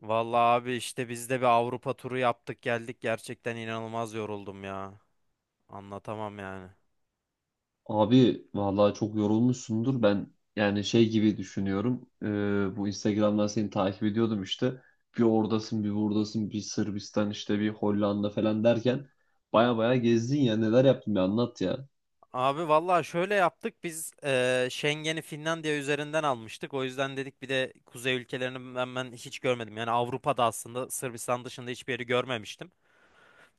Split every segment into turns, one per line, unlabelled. Vallahi abi işte biz de bir Avrupa turu yaptık geldik. Gerçekten inanılmaz yoruldum ya. Anlatamam yani.
Abi vallahi çok yorulmuşsundur. Ben yani şey gibi düşünüyorum. Bu Instagram'dan seni takip ediyordum işte. Bir oradasın, bir buradasın, bir Sırbistan işte, bir Hollanda falan derken baya baya gezdin ya. Neler yaptın bir anlat ya.
Abi vallahi şöyle yaptık biz Schengen'i Finlandiya üzerinden almıştık. O yüzden dedik bir de kuzey ülkelerini ben hiç görmedim. Yani Avrupa'da aslında Sırbistan dışında hiçbir yeri görmemiştim.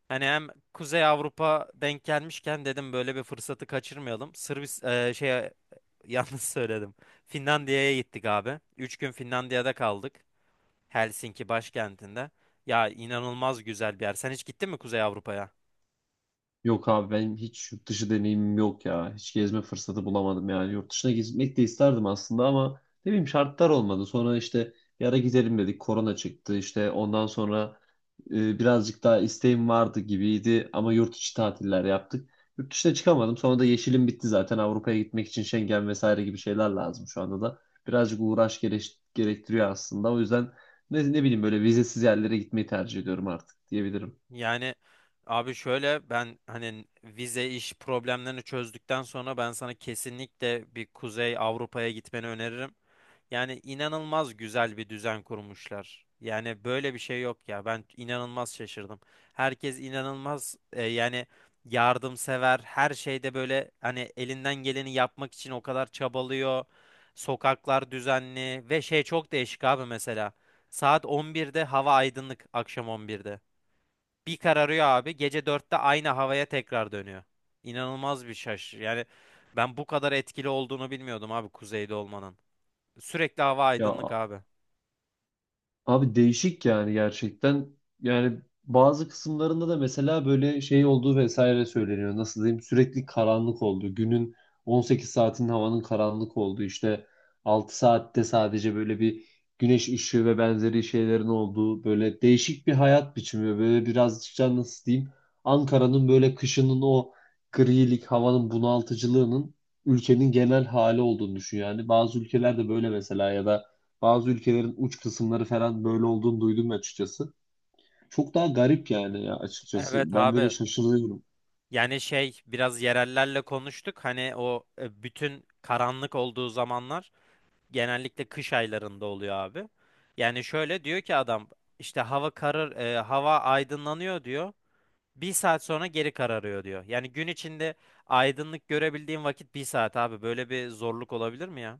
Hani hem Kuzey Avrupa denk gelmişken dedim böyle bir fırsatı kaçırmayalım. Sırbis şey yalnız söyledim. Finlandiya'ya gittik abi. Üç gün Finlandiya'da kaldık. Helsinki başkentinde. Ya inanılmaz güzel bir yer. Sen hiç gittin mi Kuzey Avrupa'ya?
Yok abi benim hiç yurt dışı deneyimim yok ya. Hiç gezme fırsatı bulamadım yani. Yurt dışına gitmek de isterdim aslında ama ne bileyim şartlar olmadı. Sonra işte bir ara gidelim dedik. Korona çıktı. İşte ondan sonra birazcık daha isteğim vardı gibiydi ama yurt içi tatiller yaptık. Yurt dışına çıkamadım. Sonra da yeşilim bitti zaten. Avrupa'ya gitmek için Schengen vesaire gibi şeyler lazım şu anda da. Birazcık gerektiriyor aslında. O yüzden ne bileyim böyle vizesiz yerlere gitmeyi tercih ediyorum artık diyebilirim.
Yani abi şöyle ben hani vize iş problemlerini çözdükten sonra ben sana kesinlikle bir Kuzey Avrupa'ya gitmeni öneririm. Yani inanılmaz güzel bir düzen kurmuşlar. Yani böyle bir şey yok ya. Ben inanılmaz şaşırdım. Herkes inanılmaz yani yardımsever. Her şeyde böyle hani elinden geleni yapmak için o kadar çabalıyor. Sokaklar düzenli ve şey çok değişik abi mesela. Saat 11'de hava aydınlık, akşam 11'de bir kararıyor abi. Gece dörtte aynı havaya tekrar dönüyor. İnanılmaz bir şaş. Yani ben bu kadar etkili olduğunu bilmiyordum abi kuzeyde olmanın. Sürekli hava aydınlık
Ya
abi.
abi değişik yani gerçekten. Yani bazı kısımlarında da mesela böyle şey olduğu vesaire söyleniyor. Nasıl diyeyim? Sürekli karanlık oldu. Günün 18 saatinin havanın karanlık olduğu, işte 6 saatte sadece böyle bir güneş ışığı ve benzeri şeylerin olduğu böyle değişik bir hayat biçimi. Ve böyle birazcık da nasıl diyeyim? Ankara'nın böyle kışının o grilik havanın bunaltıcılığının ülkenin genel hali olduğunu düşün yani. Bazı ülkelerde böyle mesela ya da bazı ülkelerin uç kısımları falan böyle olduğunu duydum açıkçası. Çok daha garip yani ya
Evet
açıkçası. Ben böyle
abi.
şaşırıyorum.
Yani şey biraz yerellerle konuştuk. Hani o bütün karanlık olduğu zamanlar genellikle kış aylarında oluyor abi. Yani şöyle diyor ki adam işte hava karır hava aydınlanıyor diyor. Bir saat sonra geri kararıyor diyor. Yani gün içinde aydınlık görebildiğin vakit bir saat abi. Böyle bir zorluk olabilir mi ya?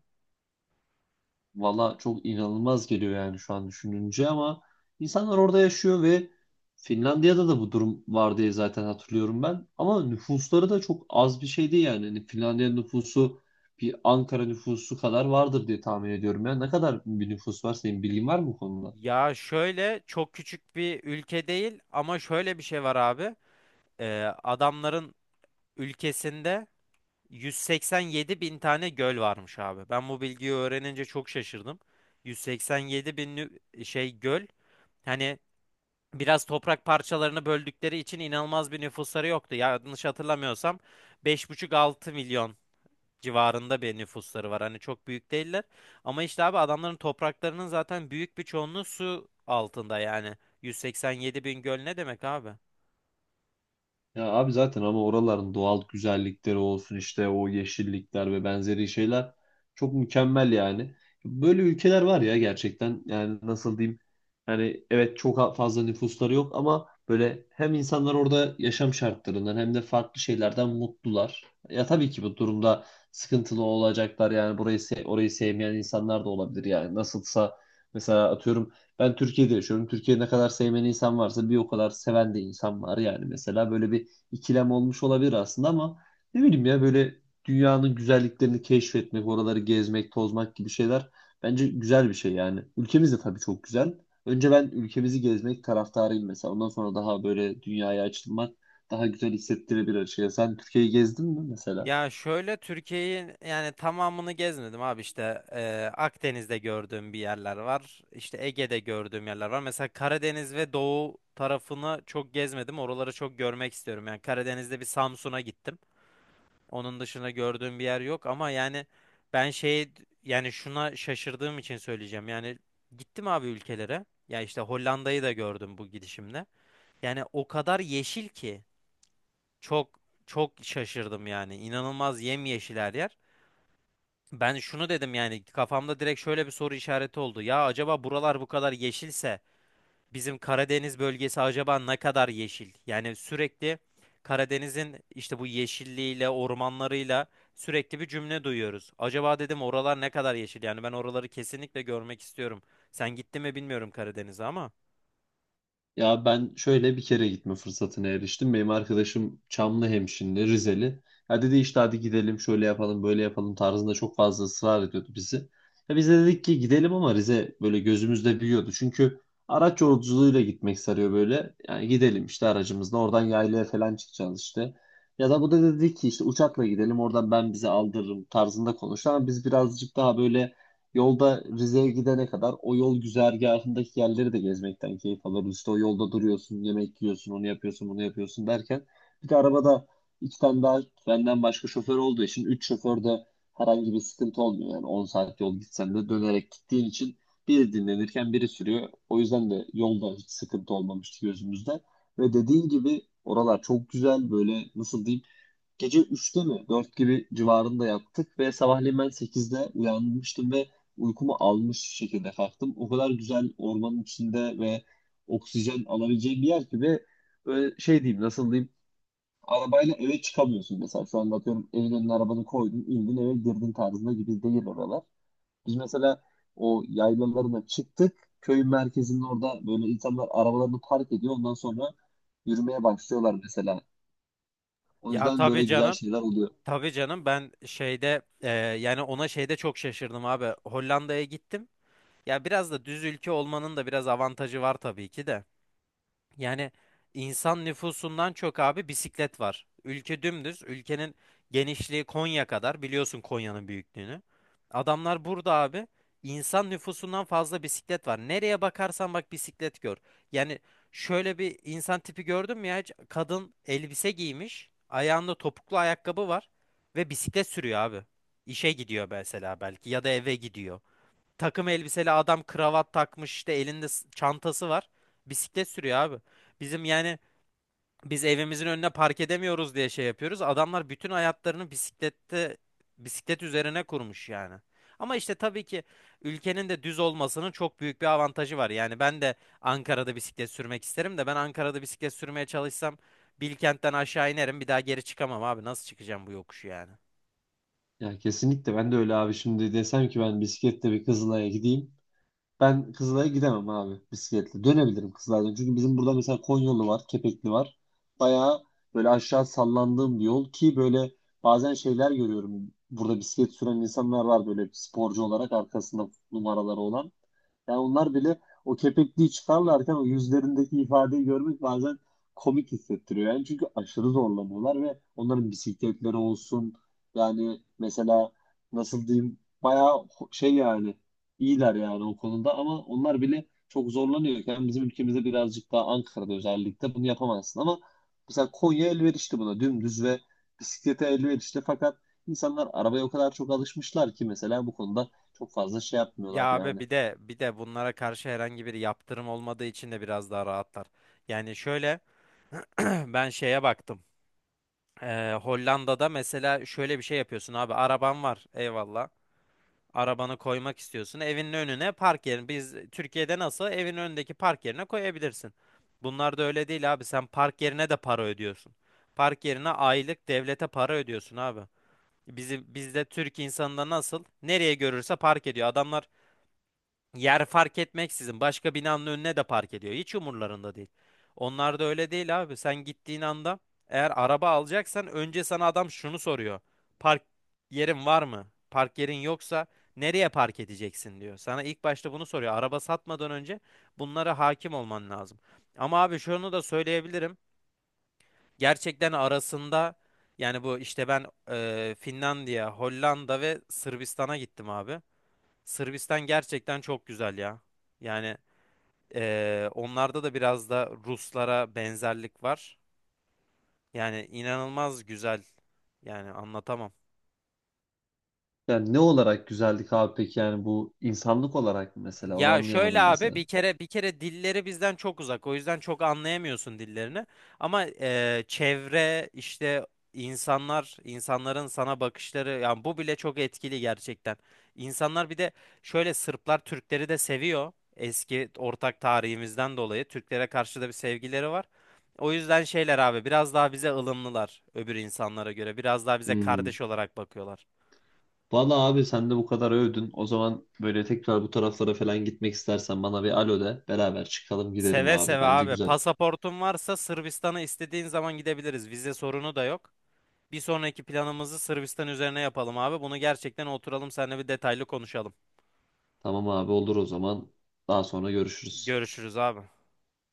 Valla çok inanılmaz geliyor yani şu an düşününce ama insanlar orada yaşıyor ve Finlandiya'da da bu durum var diye zaten hatırlıyorum ben. Ama nüfusları da çok az bir şey değil yani. Hani Finlandiya nüfusu bir Ankara nüfusu kadar vardır diye tahmin ediyorum. Ya ne kadar bir nüfus var, senin bilgin var mı bu konuda?
Ya şöyle çok küçük bir ülke değil ama şöyle bir şey var abi. Adamların ülkesinde 187 bin tane göl varmış abi. Ben bu bilgiyi öğrenince çok şaşırdım. 187 bin göl. Hani biraz toprak parçalarını böldükleri için inanılmaz bir nüfusları yoktu. Yanlış hatırlamıyorsam 5,5-6 milyon civarında bir nüfusları var. Hani çok büyük değiller. Ama işte abi adamların topraklarının zaten büyük bir çoğunluğu su altında yani. 187 bin göl ne demek abi?
Ya abi zaten ama oraların doğal güzellikleri olsun, işte o yeşillikler ve benzeri şeyler çok mükemmel yani. Böyle ülkeler var ya gerçekten, yani nasıl diyeyim, yani evet çok fazla nüfusları yok ama böyle hem insanlar orada yaşam şartlarından hem de farklı şeylerden mutlular. Ya tabii ki bu durumda sıkıntılı olacaklar yani orayı sevmeyen insanlar da olabilir yani. Nasılsa mesela atıyorum ben Türkiye'de yaşıyorum. Türkiye'de ne kadar sevmeyen insan varsa bir o kadar seven de insan var yani, mesela böyle bir ikilem olmuş olabilir aslında, ama ne bileyim ya, böyle dünyanın güzelliklerini keşfetmek, oraları gezmek, tozmak gibi şeyler bence güzel bir şey yani. Ülkemiz de tabii çok güzel. Önce ben ülkemizi gezmek taraftarıyım mesela. Ondan sonra daha böyle dünyaya açılmak daha güzel hissettirebilir şey. Sen Türkiye'yi gezdin mi mesela?
Ya şöyle Türkiye'yi yani tamamını gezmedim abi işte Akdeniz'de gördüğüm bir yerler var. İşte Ege'de gördüğüm yerler var. Mesela Karadeniz ve Doğu tarafını çok gezmedim. Oraları çok görmek istiyorum. Yani Karadeniz'de bir Samsun'a gittim. Onun dışında gördüğüm bir yer yok ama yani ben şey yani şuna şaşırdığım için söyleyeceğim. Yani gittim abi ülkelere. Ya işte Hollanda'yı da gördüm bu gidişimde. Yani o kadar yeşil ki çok çok şaşırdım yani. İnanılmaz yemyeşil her yer. Ben şunu dedim yani kafamda direkt şöyle bir soru işareti oldu. Ya acaba buralar bu kadar yeşilse bizim Karadeniz bölgesi acaba ne kadar yeşil? Yani sürekli Karadeniz'in işte bu yeşilliğiyle, ormanlarıyla sürekli bir cümle duyuyoruz. Acaba dedim oralar ne kadar yeşil? Yani ben oraları kesinlikle görmek istiyorum. Sen gittin mi bilmiyorum Karadeniz'e ama.
Ya ben şöyle bir kere gitme fırsatına eriştim. Benim arkadaşım Çamlıhemşinli, Rizeli. Ya dedi işte hadi gidelim, şöyle yapalım böyle yapalım tarzında çok fazla ısrar ediyordu bizi. Ya biz de dedik ki gidelim, ama Rize böyle gözümüzde büyüyordu. Çünkü araç yolculuğuyla gitmek sarıyor böyle. Yani gidelim işte aracımızla oradan yaylaya falan çıkacağız işte. Ya da bu da dedi ki işte uçakla gidelim, oradan ben bizi aldırırım tarzında konuştu. Ama biz birazcık daha böyle, yolda Rize'ye gidene kadar o yol güzergahındaki yerleri de gezmekten keyif alırız. İşte o yolda duruyorsun, yemek yiyorsun, onu yapıyorsun, bunu yapıyorsun derken bir de arabada iki tane daha benden başka şoför olduğu için, üç şoför de, herhangi bir sıkıntı olmuyor. Yani 10 saat yol gitsen de dönerek gittiğin için biri dinlenirken biri sürüyor. O yüzden de yolda hiç sıkıntı olmamıştı gözümüzde. Ve dediğin gibi oralar çok güzel, böyle nasıl diyeyim, gece 3'te mi 4 gibi civarında yattık ve sabahleyin ben 8'de uyanmıştım ve uykumu almış şekilde kalktım. O kadar güzel ormanın içinde ve oksijen alabileceğim bir yer ki, ve böyle şey diyeyim nasıl diyeyim, arabayla eve çıkamıyorsun mesela, şu anda atıyorum evin önüne arabanı koydun indin eve girdin tarzında gibi değil oralar. Biz mesela o yaylalarına çıktık, köyün merkezinin orada böyle insanlar arabalarını park ediyor, ondan sonra yürümeye başlıyorlar mesela. O
Ya
yüzden
tabii
böyle güzel
canım.
şeyler oluyor.
Tabii canım ben şeyde yani ona şeyde çok şaşırdım abi. Hollanda'ya gittim. Ya biraz da düz ülke olmanın da biraz avantajı var tabii ki de. Yani insan nüfusundan çok abi bisiklet var. Ülke dümdüz. Ülkenin genişliği Konya kadar. Biliyorsun Konya'nın büyüklüğünü. Adamlar burada abi insan nüfusundan fazla bisiklet var. Nereye bakarsan bak bisiklet gör. Yani şöyle bir insan tipi gördün mü ya hiç? Kadın elbise giymiş. Ayağında topuklu ayakkabı var. Ve bisiklet sürüyor abi. İşe gidiyor mesela belki ya da eve gidiyor takım elbiseli adam kravat takmış işte elinde çantası var. Bisiklet sürüyor abi. Bizim yani biz evimizin önüne park edemiyoruz diye şey yapıyoruz. Adamlar bütün hayatlarını bisiklette bisiklet üzerine kurmuş yani. Ama işte tabii ki ülkenin de düz olmasının çok büyük bir avantajı var. Yani ben de Ankara'da bisiklet sürmek isterim de ben Ankara'da bisiklet sürmeye çalışsam Bilkent'ten aşağı inerim bir daha geri çıkamam abi. Nasıl çıkacağım bu yokuşu yani?
Ya kesinlikle, ben de öyle abi. Şimdi desem ki ben bisikletle bir Kızılay'a gideyim, ben Kızılay'a gidemem abi bisikletle. Dönebilirim Kızılay'dan. Çünkü bizim burada mesela Konyolu var, Kepekli var. Bayağı böyle aşağı sallandığım bir yol ki, böyle bazen şeyler görüyorum. Burada bisiklet süren insanlar var, böyle sporcu olarak arkasında numaraları olan. Yani onlar bile o kepekliği çıkarlarken o yüzlerindeki ifadeyi görmek bazen komik hissettiriyor. Yani çünkü aşırı zorlanıyorlar ve onların bisikletleri olsun, yani mesela nasıl diyeyim, bayağı şey yani, iyiler yani o konuda, ama onlar bile çok zorlanıyor yani. Bizim ülkemizde birazcık daha Ankara'da özellikle bunu yapamazsın ama mesela Konya elverişli buna, dümdüz ve bisiklete elverişli, fakat insanlar arabaya o kadar çok alışmışlar ki mesela bu konuda çok fazla şey
Ya
yapmıyorlar
abi
yani.
bir de bunlara karşı herhangi bir yaptırım olmadığı için de biraz daha rahatlar. Yani şöyle ben şeye baktım. Hollanda'da mesela şöyle bir şey yapıyorsun abi. Araban var eyvallah. Arabanı koymak istiyorsun. Evinin önüne park yerini. Biz Türkiye'de nasıl evin önündeki park yerine koyabilirsin. Bunlar da öyle değil abi. Sen park yerine de para ödüyorsun. Park yerine aylık devlete para ödüyorsun abi. Bizim bizde Türk insanında nasıl nereye görürse park ediyor. Adamlar yer fark etmeksizin başka binanın önüne de park ediyor. Hiç umurlarında değil. Onlar da öyle değil abi. Sen gittiğin anda eğer araba alacaksan önce sana adam şunu soruyor. Park yerin var mı? Park yerin yoksa nereye park edeceksin diyor. Sana ilk başta bunu soruyor. Araba satmadan önce bunlara hakim olman lazım. Ama abi şunu da söyleyebilirim. Gerçekten arasında yani bu işte ben Finlandiya, Hollanda ve Sırbistan'a gittim abi. Sırbistan gerçekten çok güzel ya. Yani onlarda da biraz da Ruslara benzerlik var. Yani inanılmaz güzel. Yani anlatamam.
Yani ne olarak güzellik abi peki, yani bu insanlık olarak mı mesela, onu
Ya şöyle
anlayamadım
abi
mesela.
bir kere dilleri bizden çok uzak. O yüzden çok anlayamıyorsun dillerini. Ama çevre işte insanlar insanların sana bakışları yani bu bile çok etkili gerçekten. İnsanlar bir de şöyle Sırplar Türkleri de seviyor. Eski ortak tarihimizden dolayı Türklere karşı da bir sevgileri var. O yüzden şeyler abi biraz daha bize ılımlılar öbür insanlara göre. Biraz daha bize
Hmm.
kardeş olarak bakıyorlar.
Valla abi sen de bu kadar övdün. O zaman böyle tekrar bu taraflara falan gitmek istersen bana bir alo de, beraber çıkalım gidelim
Seve
abi.
seve
Bence
abi.
güzel.
Pasaportun varsa Sırbistan'a istediğin zaman gidebiliriz. Vize sorunu da yok. Bir sonraki planımızı Sırbistan üzerine yapalım abi. Bunu gerçekten oturalım seninle bir detaylı konuşalım.
Tamam abi, olur o zaman. Daha sonra görüşürüz.
Görüşürüz abi.